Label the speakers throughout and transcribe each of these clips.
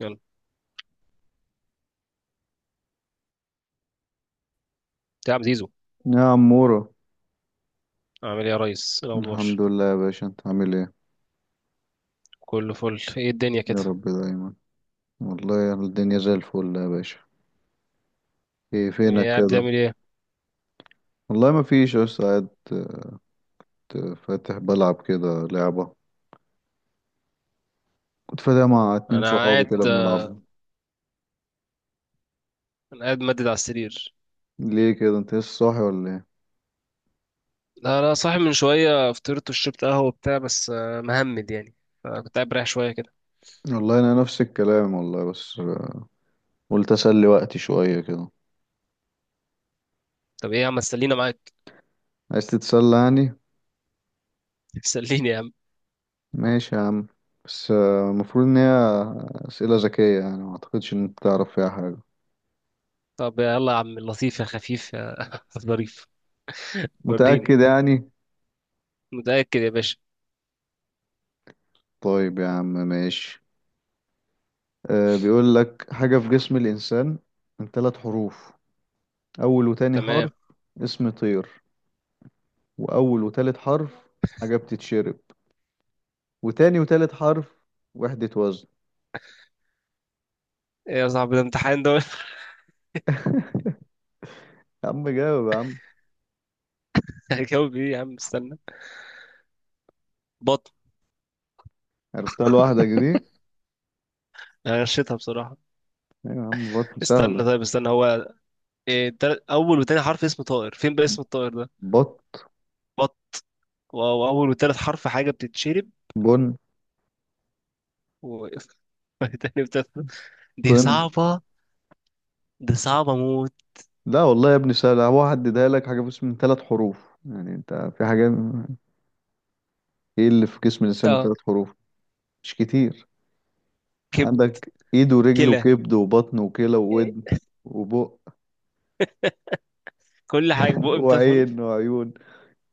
Speaker 1: يلا يا عم زيزو،
Speaker 2: يا عمورة.
Speaker 1: عامل ايه يا ريس؟ إيه الاخبار؟
Speaker 2: الحمد لله يا باشا، انت عامل ايه؟
Speaker 1: كله فل. ايه الدنيا
Speaker 2: يا
Speaker 1: كده؟
Speaker 2: رب دايما. والله الدنيا زي الفل يا باشا. ايه فينك
Speaker 1: ايه قاعد
Speaker 2: كده؟
Speaker 1: بتعمل ايه؟
Speaker 2: والله ما فيش، بس قاعد. كنت فاتح بلعب كده لعبة. كنت فاتح مع اتنين
Speaker 1: انا
Speaker 2: صحابي كده
Speaker 1: قاعد،
Speaker 2: بنلعبها.
Speaker 1: انا قاعد مدد على السرير.
Speaker 2: ليه كده؟ انت لسه صاحي ولا ايه؟
Speaker 1: لا لا صاحي من شويه، فطرت وشربت قهوه وبتاع بس مهمد يعني، فكنت قاعد رايح شويه كده.
Speaker 2: والله انا نفس الكلام والله، بس قلت اسلي وقتي شوية كده.
Speaker 1: طب ايه يا عم؟ سلينا معاك.
Speaker 2: عايز تتسلى يعني.
Speaker 1: سليني يا عم.
Speaker 2: ماشي يا عم، بس المفروض ان هي اسئلة ذكية، يعني ما اعتقدش ان انت تعرف فيها حاجة.
Speaker 1: طب يلا يا عم اللطيف يا خفيف يا ظريف، وريني.
Speaker 2: متأكد يعني.
Speaker 1: متاكد يا باشا.
Speaker 2: طيب يا عم، ماشي. أه، بيقول لك حاجة في جسم الإنسان من ثلاث حروف. أول وتاني حرف
Speaker 1: تمام.
Speaker 2: اسم طير، وأول وتالت حرف حاجة بتتشرب، وتاني وتالت حرف وحدة وزن.
Speaker 1: ايه يا صاحبي؟ ده امتحان ده ولا؟
Speaker 2: يا عم جاوب يا عم.
Speaker 1: هجاوب ايه يا عم؟ استنى. بطن.
Speaker 2: عرفتها لوحدك دي؟
Speaker 1: أنا غشيتها بصراحه.
Speaker 2: أيوة يا عم، بطن
Speaker 1: استنى
Speaker 2: سهلة.
Speaker 1: طيب، استنى هو اول وتاني حرف اسم طائر، فين بقى اسم الطائر ده؟
Speaker 2: بط،
Speaker 1: بط. واول وتالت حرف حاجه بتتشرب.
Speaker 2: بن،
Speaker 1: و... تاني وتالت، دي
Speaker 2: طن.
Speaker 1: صعبه، دي صعبه موت.
Speaker 2: لا والله يا ابني سهلة. هو هددها لك حاجة في اسم من ثلاث حروف، يعني انت في حاجة. ايه اللي في جسم الإنسان من
Speaker 1: اه.
Speaker 2: ثلاث حروف؟ مش كتير.
Speaker 1: كب.
Speaker 2: عندك ايد ورجل
Speaker 1: كلى.
Speaker 2: وكبد وبطن وكلى
Speaker 1: إيه،
Speaker 2: وودن وبق
Speaker 1: كل حاجه بقى بتلات حروف؟
Speaker 2: وعين وعيون.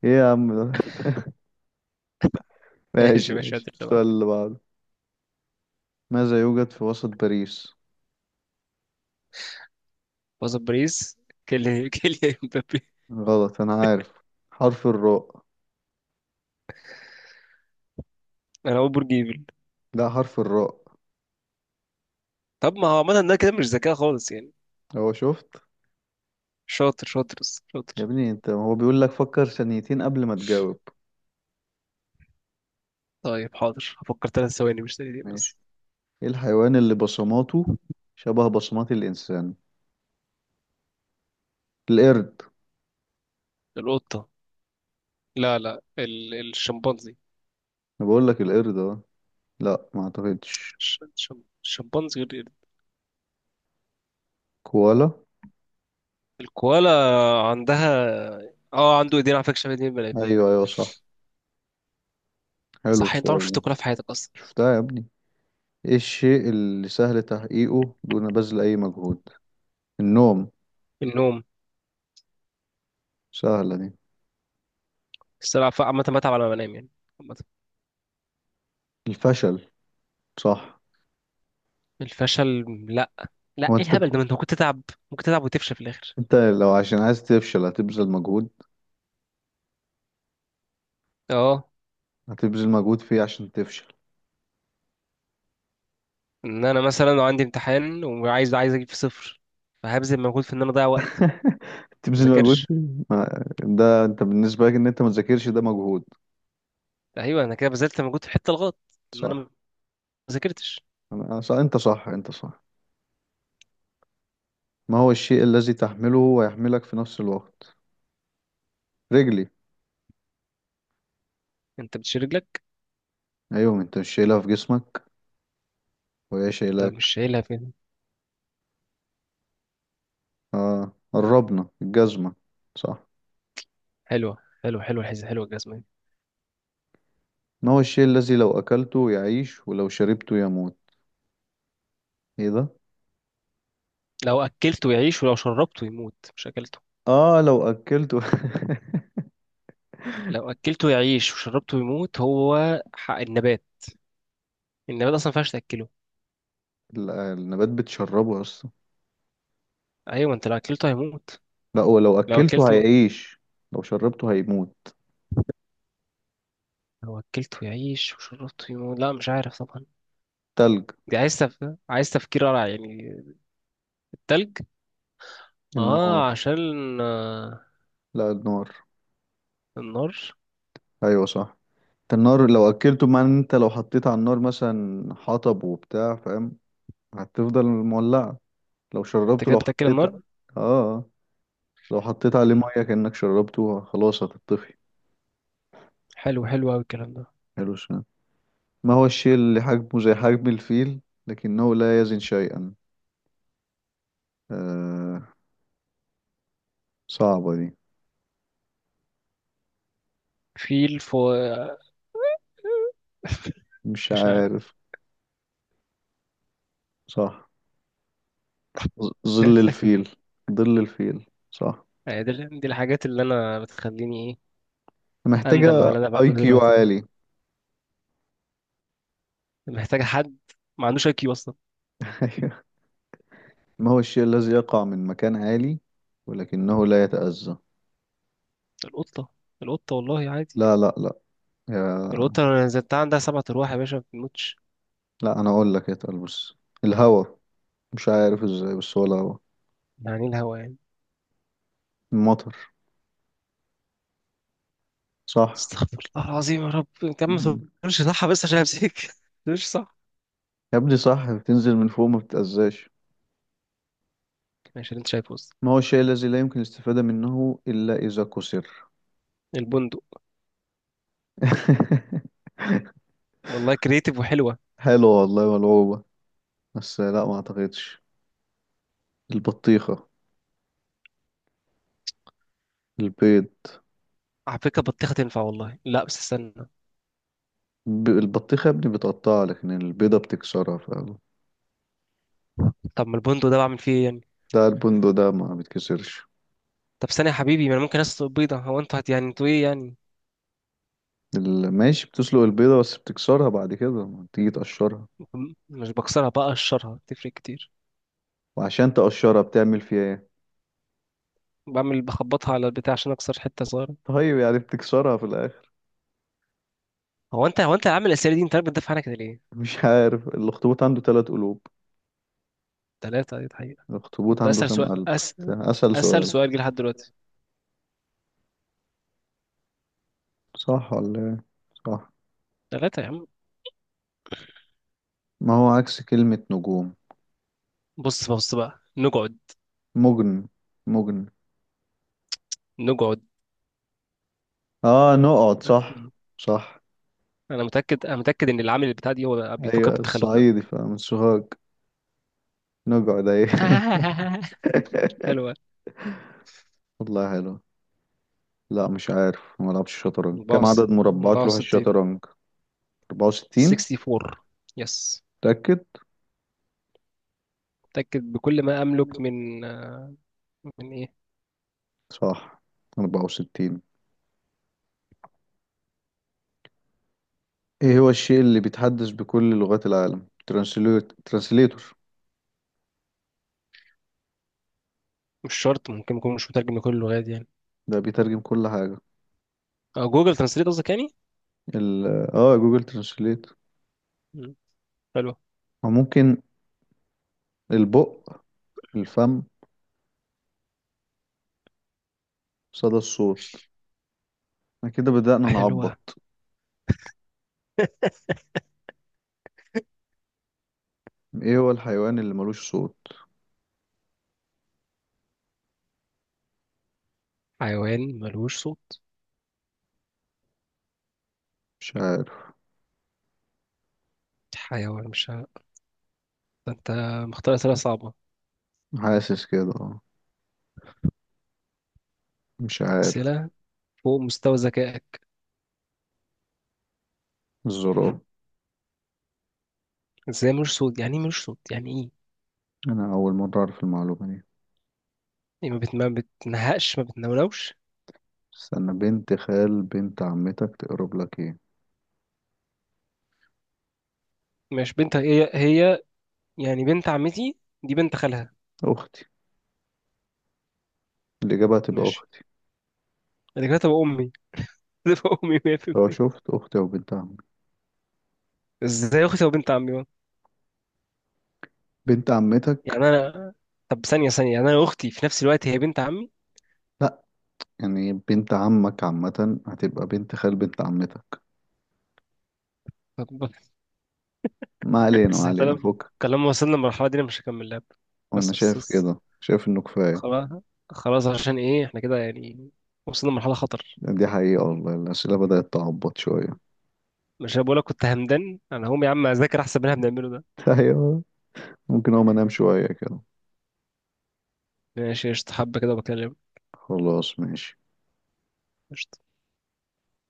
Speaker 2: ايه يا عم ده.
Speaker 1: ماشي
Speaker 2: ماشي
Speaker 1: ماشي، هات
Speaker 2: ماشي،
Speaker 1: اللي
Speaker 2: السؤال
Speaker 1: بعده.
Speaker 2: اللي بعده. ماذا يوجد في وسط باريس؟
Speaker 1: وسط باريس؟ كيليان، كيليان مبابي.
Speaker 2: غلط، انا عارف. حرف الراء.
Speaker 1: انا اقول برج ايفل.
Speaker 2: لا، حرف الراء.
Speaker 1: طب ما هو عملنا ده كده مش ذكاء خالص يعني.
Speaker 2: هو شفت.
Speaker 1: شاطر شاطر بس شاطر.
Speaker 2: يا ابني انت، هو بيقول لك فكر ثانيتين قبل ما تجاوب.
Speaker 1: طيب حاضر، هفكر ثلاث ثواني مش ثانيتين بس.
Speaker 2: ماشي. ايه الحيوان اللي بصماته شبه بصمات الانسان؟ القرد.
Speaker 1: القطه. لا لا، الشمبانزي.
Speaker 2: انا بقول لك القرد، اه. لا، ما اعتقدش.
Speaker 1: الشمبانزي غير.
Speaker 2: كوالا.
Speaker 1: الكوالا. عندها. اه عنده ايدين على فكره شبه ايدين البني ادمين.
Speaker 2: ايوه ايوه، صح. حلو
Speaker 1: صح انت عمرك
Speaker 2: السؤال
Speaker 1: شفت كولا
Speaker 2: ده.
Speaker 1: في حياتك اصلا؟
Speaker 2: شفتها يا ابني. ايه الشيء اللي سهل تحقيقه دون بذل اي مجهود؟ النوم.
Speaker 1: النوم.
Speaker 2: سهلة دي.
Speaker 1: الصراحه عامه بتعب على ما بنام يعني، عامه.
Speaker 2: الفشل. صح.
Speaker 1: الفشل؟ لا، لا،
Speaker 2: هو
Speaker 1: ايه
Speaker 2: انت
Speaker 1: الهبل ده؟ ما انت ممكن تتعب، ممكن تتعب وتفشل في الاخر.
Speaker 2: انت لو عشان عايز تفشل هتبذل مجهود.
Speaker 1: اه.
Speaker 2: هتبذل مجهود فيه عشان تفشل.
Speaker 1: ان انا مثلا لو عندي امتحان وعايز، عايز اجيب في صفر، فهبذل مجهود في ان انا اضيع وقت. ما
Speaker 2: تبذل مجهود
Speaker 1: اذاكرش.
Speaker 2: فيه. ده انت بالنسبة لك ان انت ما تذاكرش، ده مجهود.
Speaker 1: ايوه انا كده بذلت مجهود في الحته الغلط، ان انا ما
Speaker 2: صح.
Speaker 1: ذاكرتش.
Speaker 2: انا صح، انت صح، انت صح. ما هو الشيء الذي تحمله ويحملك في نفس الوقت؟ رجلي.
Speaker 1: انت بتشيل رجلك؟
Speaker 2: ايوه، ما انت مش شايلها في جسمك وهي
Speaker 1: طب
Speaker 2: شايلاك.
Speaker 1: مش شايلها فين؟
Speaker 2: اه، قربنا. الجزمة. صح.
Speaker 1: حلوه حلوه حلوه الحزه، حلوه الجزمه دي.
Speaker 2: ما هو الشيء الذي لو أكلته يعيش ولو شربته يموت؟ ايه ده.
Speaker 1: لو اكلته يعيش ولو شربته يموت، مش اكلته.
Speaker 2: اه، لو أكلته.
Speaker 1: لو اكلته يعيش وشربته يموت، هو حق النبات. النبات اصلا ما ينفعش تاكله.
Speaker 2: لا، النبات بتشربه أصلا.
Speaker 1: ايوه انت لو اكلته هيموت.
Speaker 2: لا، هو لو
Speaker 1: لو
Speaker 2: أكلته
Speaker 1: اكلته.
Speaker 2: هيعيش، لو شربته هيموت.
Speaker 1: لو اكلته يعيش وشربته يموت؟ لا مش عارف طبعا.
Speaker 2: تلج.
Speaker 1: دي عايز عايز تفكير رائع يعني. التلج.
Speaker 2: النار.
Speaker 1: اه عشان آه،
Speaker 2: لا، النار.
Speaker 1: النار.
Speaker 2: أيوة صح. النار لو أكلته معناه إن أنت لو حطيت على النار مثلا حطب وبتاع، فاهم؟ هتفضل مولعة. لو
Speaker 1: انت
Speaker 2: شربته،
Speaker 1: كده
Speaker 2: لو
Speaker 1: بتاكل
Speaker 2: حطيت
Speaker 1: النار.
Speaker 2: اه، آه. لو حطيت عليه
Speaker 1: مم.
Speaker 2: مية كأنك شربته، خلاص هتطفي.
Speaker 1: حلو، حلو قوي الكلام ده.
Speaker 2: حلو. ما هو الشيء اللي حجمه زي حجم الفيل لكنه لا يزن شيئا؟ آه، صعبة دي.
Speaker 1: في الفو.
Speaker 2: مش
Speaker 1: مش عارف.
Speaker 2: عارف. صح. ظل الفيل. ظل الفيل، صح.
Speaker 1: يعني دي، دي الحاجات اللي انا بتخليني ايه، اندم
Speaker 2: محتاجة
Speaker 1: على اللي انا
Speaker 2: اي
Speaker 1: بعمله
Speaker 2: كيو
Speaker 1: دلوقتي ده.
Speaker 2: عالي.
Speaker 1: محتاج حد ما عندوش اي كيو.
Speaker 2: أيوة. ما هو الشيء الذي يقع من مكان عالي ولكنه لا يتأذى؟
Speaker 1: القطة، القطة والله عادي.
Speaker 2: لا لا لا. يا...
Speaker 1: القطة لو نزلتها عندها سبع أرواح يا باشا، ما بتموتش.
Speaker 2: لا، انا اقول لك، اتقل بس. الهوا. مش عارف ازاي، بس هو الهوا.
Speaker 1: يعني الهوا يعني.
Speaker 2: المطر. صح.
Speaker 1: استغفر الله العظيم يا رب، انت يا عم ما تقولش صح بس عشان امسك مش صح.
Speaker 2: يا ابني، صح، بتنزل من فوق ما بتتأذاش.
Speaker 1: ماشي اللي انت شايفه بس.
Speaker 2: ما هو الشيء الذي لا يمكن الاستفادة منه إلا إذا كسر؟
Speaker 1: البندق. والله كريتيف وحلوة.
Speaker 2: حلو والله، ملعوبة. بس لا، ما أعتقدش. البطيخة. البيض.
Speaker 1: على فكرة بطيخة تنفع والله، لا بس استنى.
Speaker 2: البطيخة يا ابني بتقطعها، لكن البيضة بتكسرها فعلا.
Speaker 1: طب ما البندق ده بعمل فيه ايه يعني؟
Speaker 2: لا، البندق ده ما بيتكسرش.
Speaker 1: طب ثانية يا حبيبي، ما انا ممكن اسلق بيضة. هو انتوا هت يعني انتوا ايه يعني؟
Speaker 2: ماشي، بتسلق البيضة بس بتكسرها بعد كده ما تيجي تقشرها.
Speaker 1: مش بكسرها بقى، اقشرها تفرق كتير.
Speaker 2: وعشان تقشرها بتعمل فيها ايه؟
Speaker 1: بعمل بخبطها على البتاع عشان اكسر حتة صغيرة.
Speaker 2: طيب، يعني بتكسرها في الآخر.
Speaker 1: هو انت عامل الاسئلة دي، انت عارف بتدافع عنها كده ليه؟
Speaker 2: مش عارف. الأخطبوط عنده ثلاث قلوب.
Speaker 1: تلاتة.
Speaker 2: الأخطبوط
Speaker 1: طب ده
Speaker 2: عنده
Speaker 1: اسهل
Speaker 2: كام
Speaker 1: سؤال
Speaker 2: قلب؟ ده أسهل
Speaker 1: اسهل
Speaker 2: سؤال.
Speaker 1: سؤال جه لحد دلوقتي.
Speaker 2: صح ولا إيه؟ صح.
Speaker 1: ثلاثة يا عم.
Speaker 2: ما هو عكس كلمة نجوم؟
Speaker 1: بص بقى، نقعد،
Speaker 2: مجن. مجن.
Speaker 1: نقعد.
Speaker 2: اه، نقعد، صح.
Speaker 1: مم.
Speaker 2: صح.
Speaker 1: انا متأكد ان العامل بتاع دي هو بيفكر
Speaker 2: ايوه،
Speaker 1: بالتخلف ده.
Speaker 2: الصعيدي فمن سوهاج. نقعد، ايوه.
Speaker 1: حلوة.
Speaker 2: والله حلو. لا، مش عارف. ما لعبش شطرنج. كم
Speaker 1: باص،
Speaker 2: عدد مربعات
Speaker 1: باص
Speaker 2: لوح
Speaker 1: 60.
Speaker 2: الشطرنج؟ 64.
Speaker 1: 64. يس.
Speaker 2: متأكد.
Speaker 1: متأكد بكل ما املك من من ايه.
Speaker 2: صح. 64. ايه هو الشيء اللي بيتحدث بكل لغات العالم؟ ترانسليت، ترانسليتور.
Speaker 1: مش شرط، ممكن يكون مش مترجم لكل اللغات يعني.
Speaker 2: ده بيترجم كل حاجة.
Speaker 1: جوجل ترانسليت قصدك يعني.
Speaker 2: ال اه، جوجل ترانسليت.
Speaker 1: مم. حلوة.
Speaker 2: وممكن البق، الفم، صدى الصوت. احنا كده بدأنا
Speaker 1: حلوة.
Speaker 2: نعبط. ايه هو الحيوان اللي ملوش صوت؟
Speaker 1: حيوان ملوش صوت؟
Speaker 2: مش عارف.
Speaker 1: حيوان مش ه- ده انت مختار اسئله صعبه،
Speaker 2: حاسس كده، اه. مش عارف.
Speaker 1: اسئله فوق مستوى ذكائك.
Speaker 2: الزراب.
Speaker 1: ازاي ملوش صوت؟ يعني ايه ملوش صوت يعني ايه؟
Speaker 2: انا اول مرة اعرف المعلومة دي.
Speaker 1: ما بتنهقش ما بتنونوش.
Speaker 2: استنى، بنت خال بنت عمتك تقرب لك ايه؟
Speaker 1: ماشي، بنت هي يعني بنت عمتي، دي بنت خالها.
Speaker 2: اختي. الاجابة هتبقى
Speaker 1: ماشي،
Speaker 2: اختي.
Speaker 1: انا كده تبقى امي. تبقى امي
Speaker 2: لو
Speaker 1: 100%.
Speaker 2: شفت اختي او بنت عمك،
Speaker 1: ازاي اختي تبقى بنت عمي بقى؟
Speaker 2: بنت
Speaker 1: يعني
Speaker 2: عمتك.
Speaker 1: انا، طب ثانيه، يعني انا اختي في نفس الوقت هي بنت عمي؟
Speaker 2: لا، يعني بنت عمك عامة هتبقى بنت خال بنت عمتك.
Speaker 1: طب
Speaker 2: ما علينا ما
Speaker 1: بس
Speaker 2: علينا،
Speaker 1: طالما
Speaker 2: فوق.
Speaker 1: طالما وصلنا للمرحله دي انا مش هكمل لعب.
Speaker 2: وانا
Speaker 1: بس بس
Speaker 2: شايف
Speaker 1: بس
Speaker 2: كده، شايف انه كفاية.
Speaker 1: خلاص، خلاص. عشان ايه احنا كده يعني؟ وصلنا لمرحله خطر.
Speaker 2: دي حقيقة والله، الأسئلة بدأت تعبط شوية.
Speaker 1: مش انا بقولك كنت همدان؟ انا هقوم يا عم اذاكر احسن من اللي احنا بنعمله ده.
Speaker 2: ايوه. ممكن اقوم انام شوية كده.
Speaker 1: ماشي قشطة، حبة كده بكلم.
Speaker 2: خلاص، ماشي.
Speaker 1: قشطة.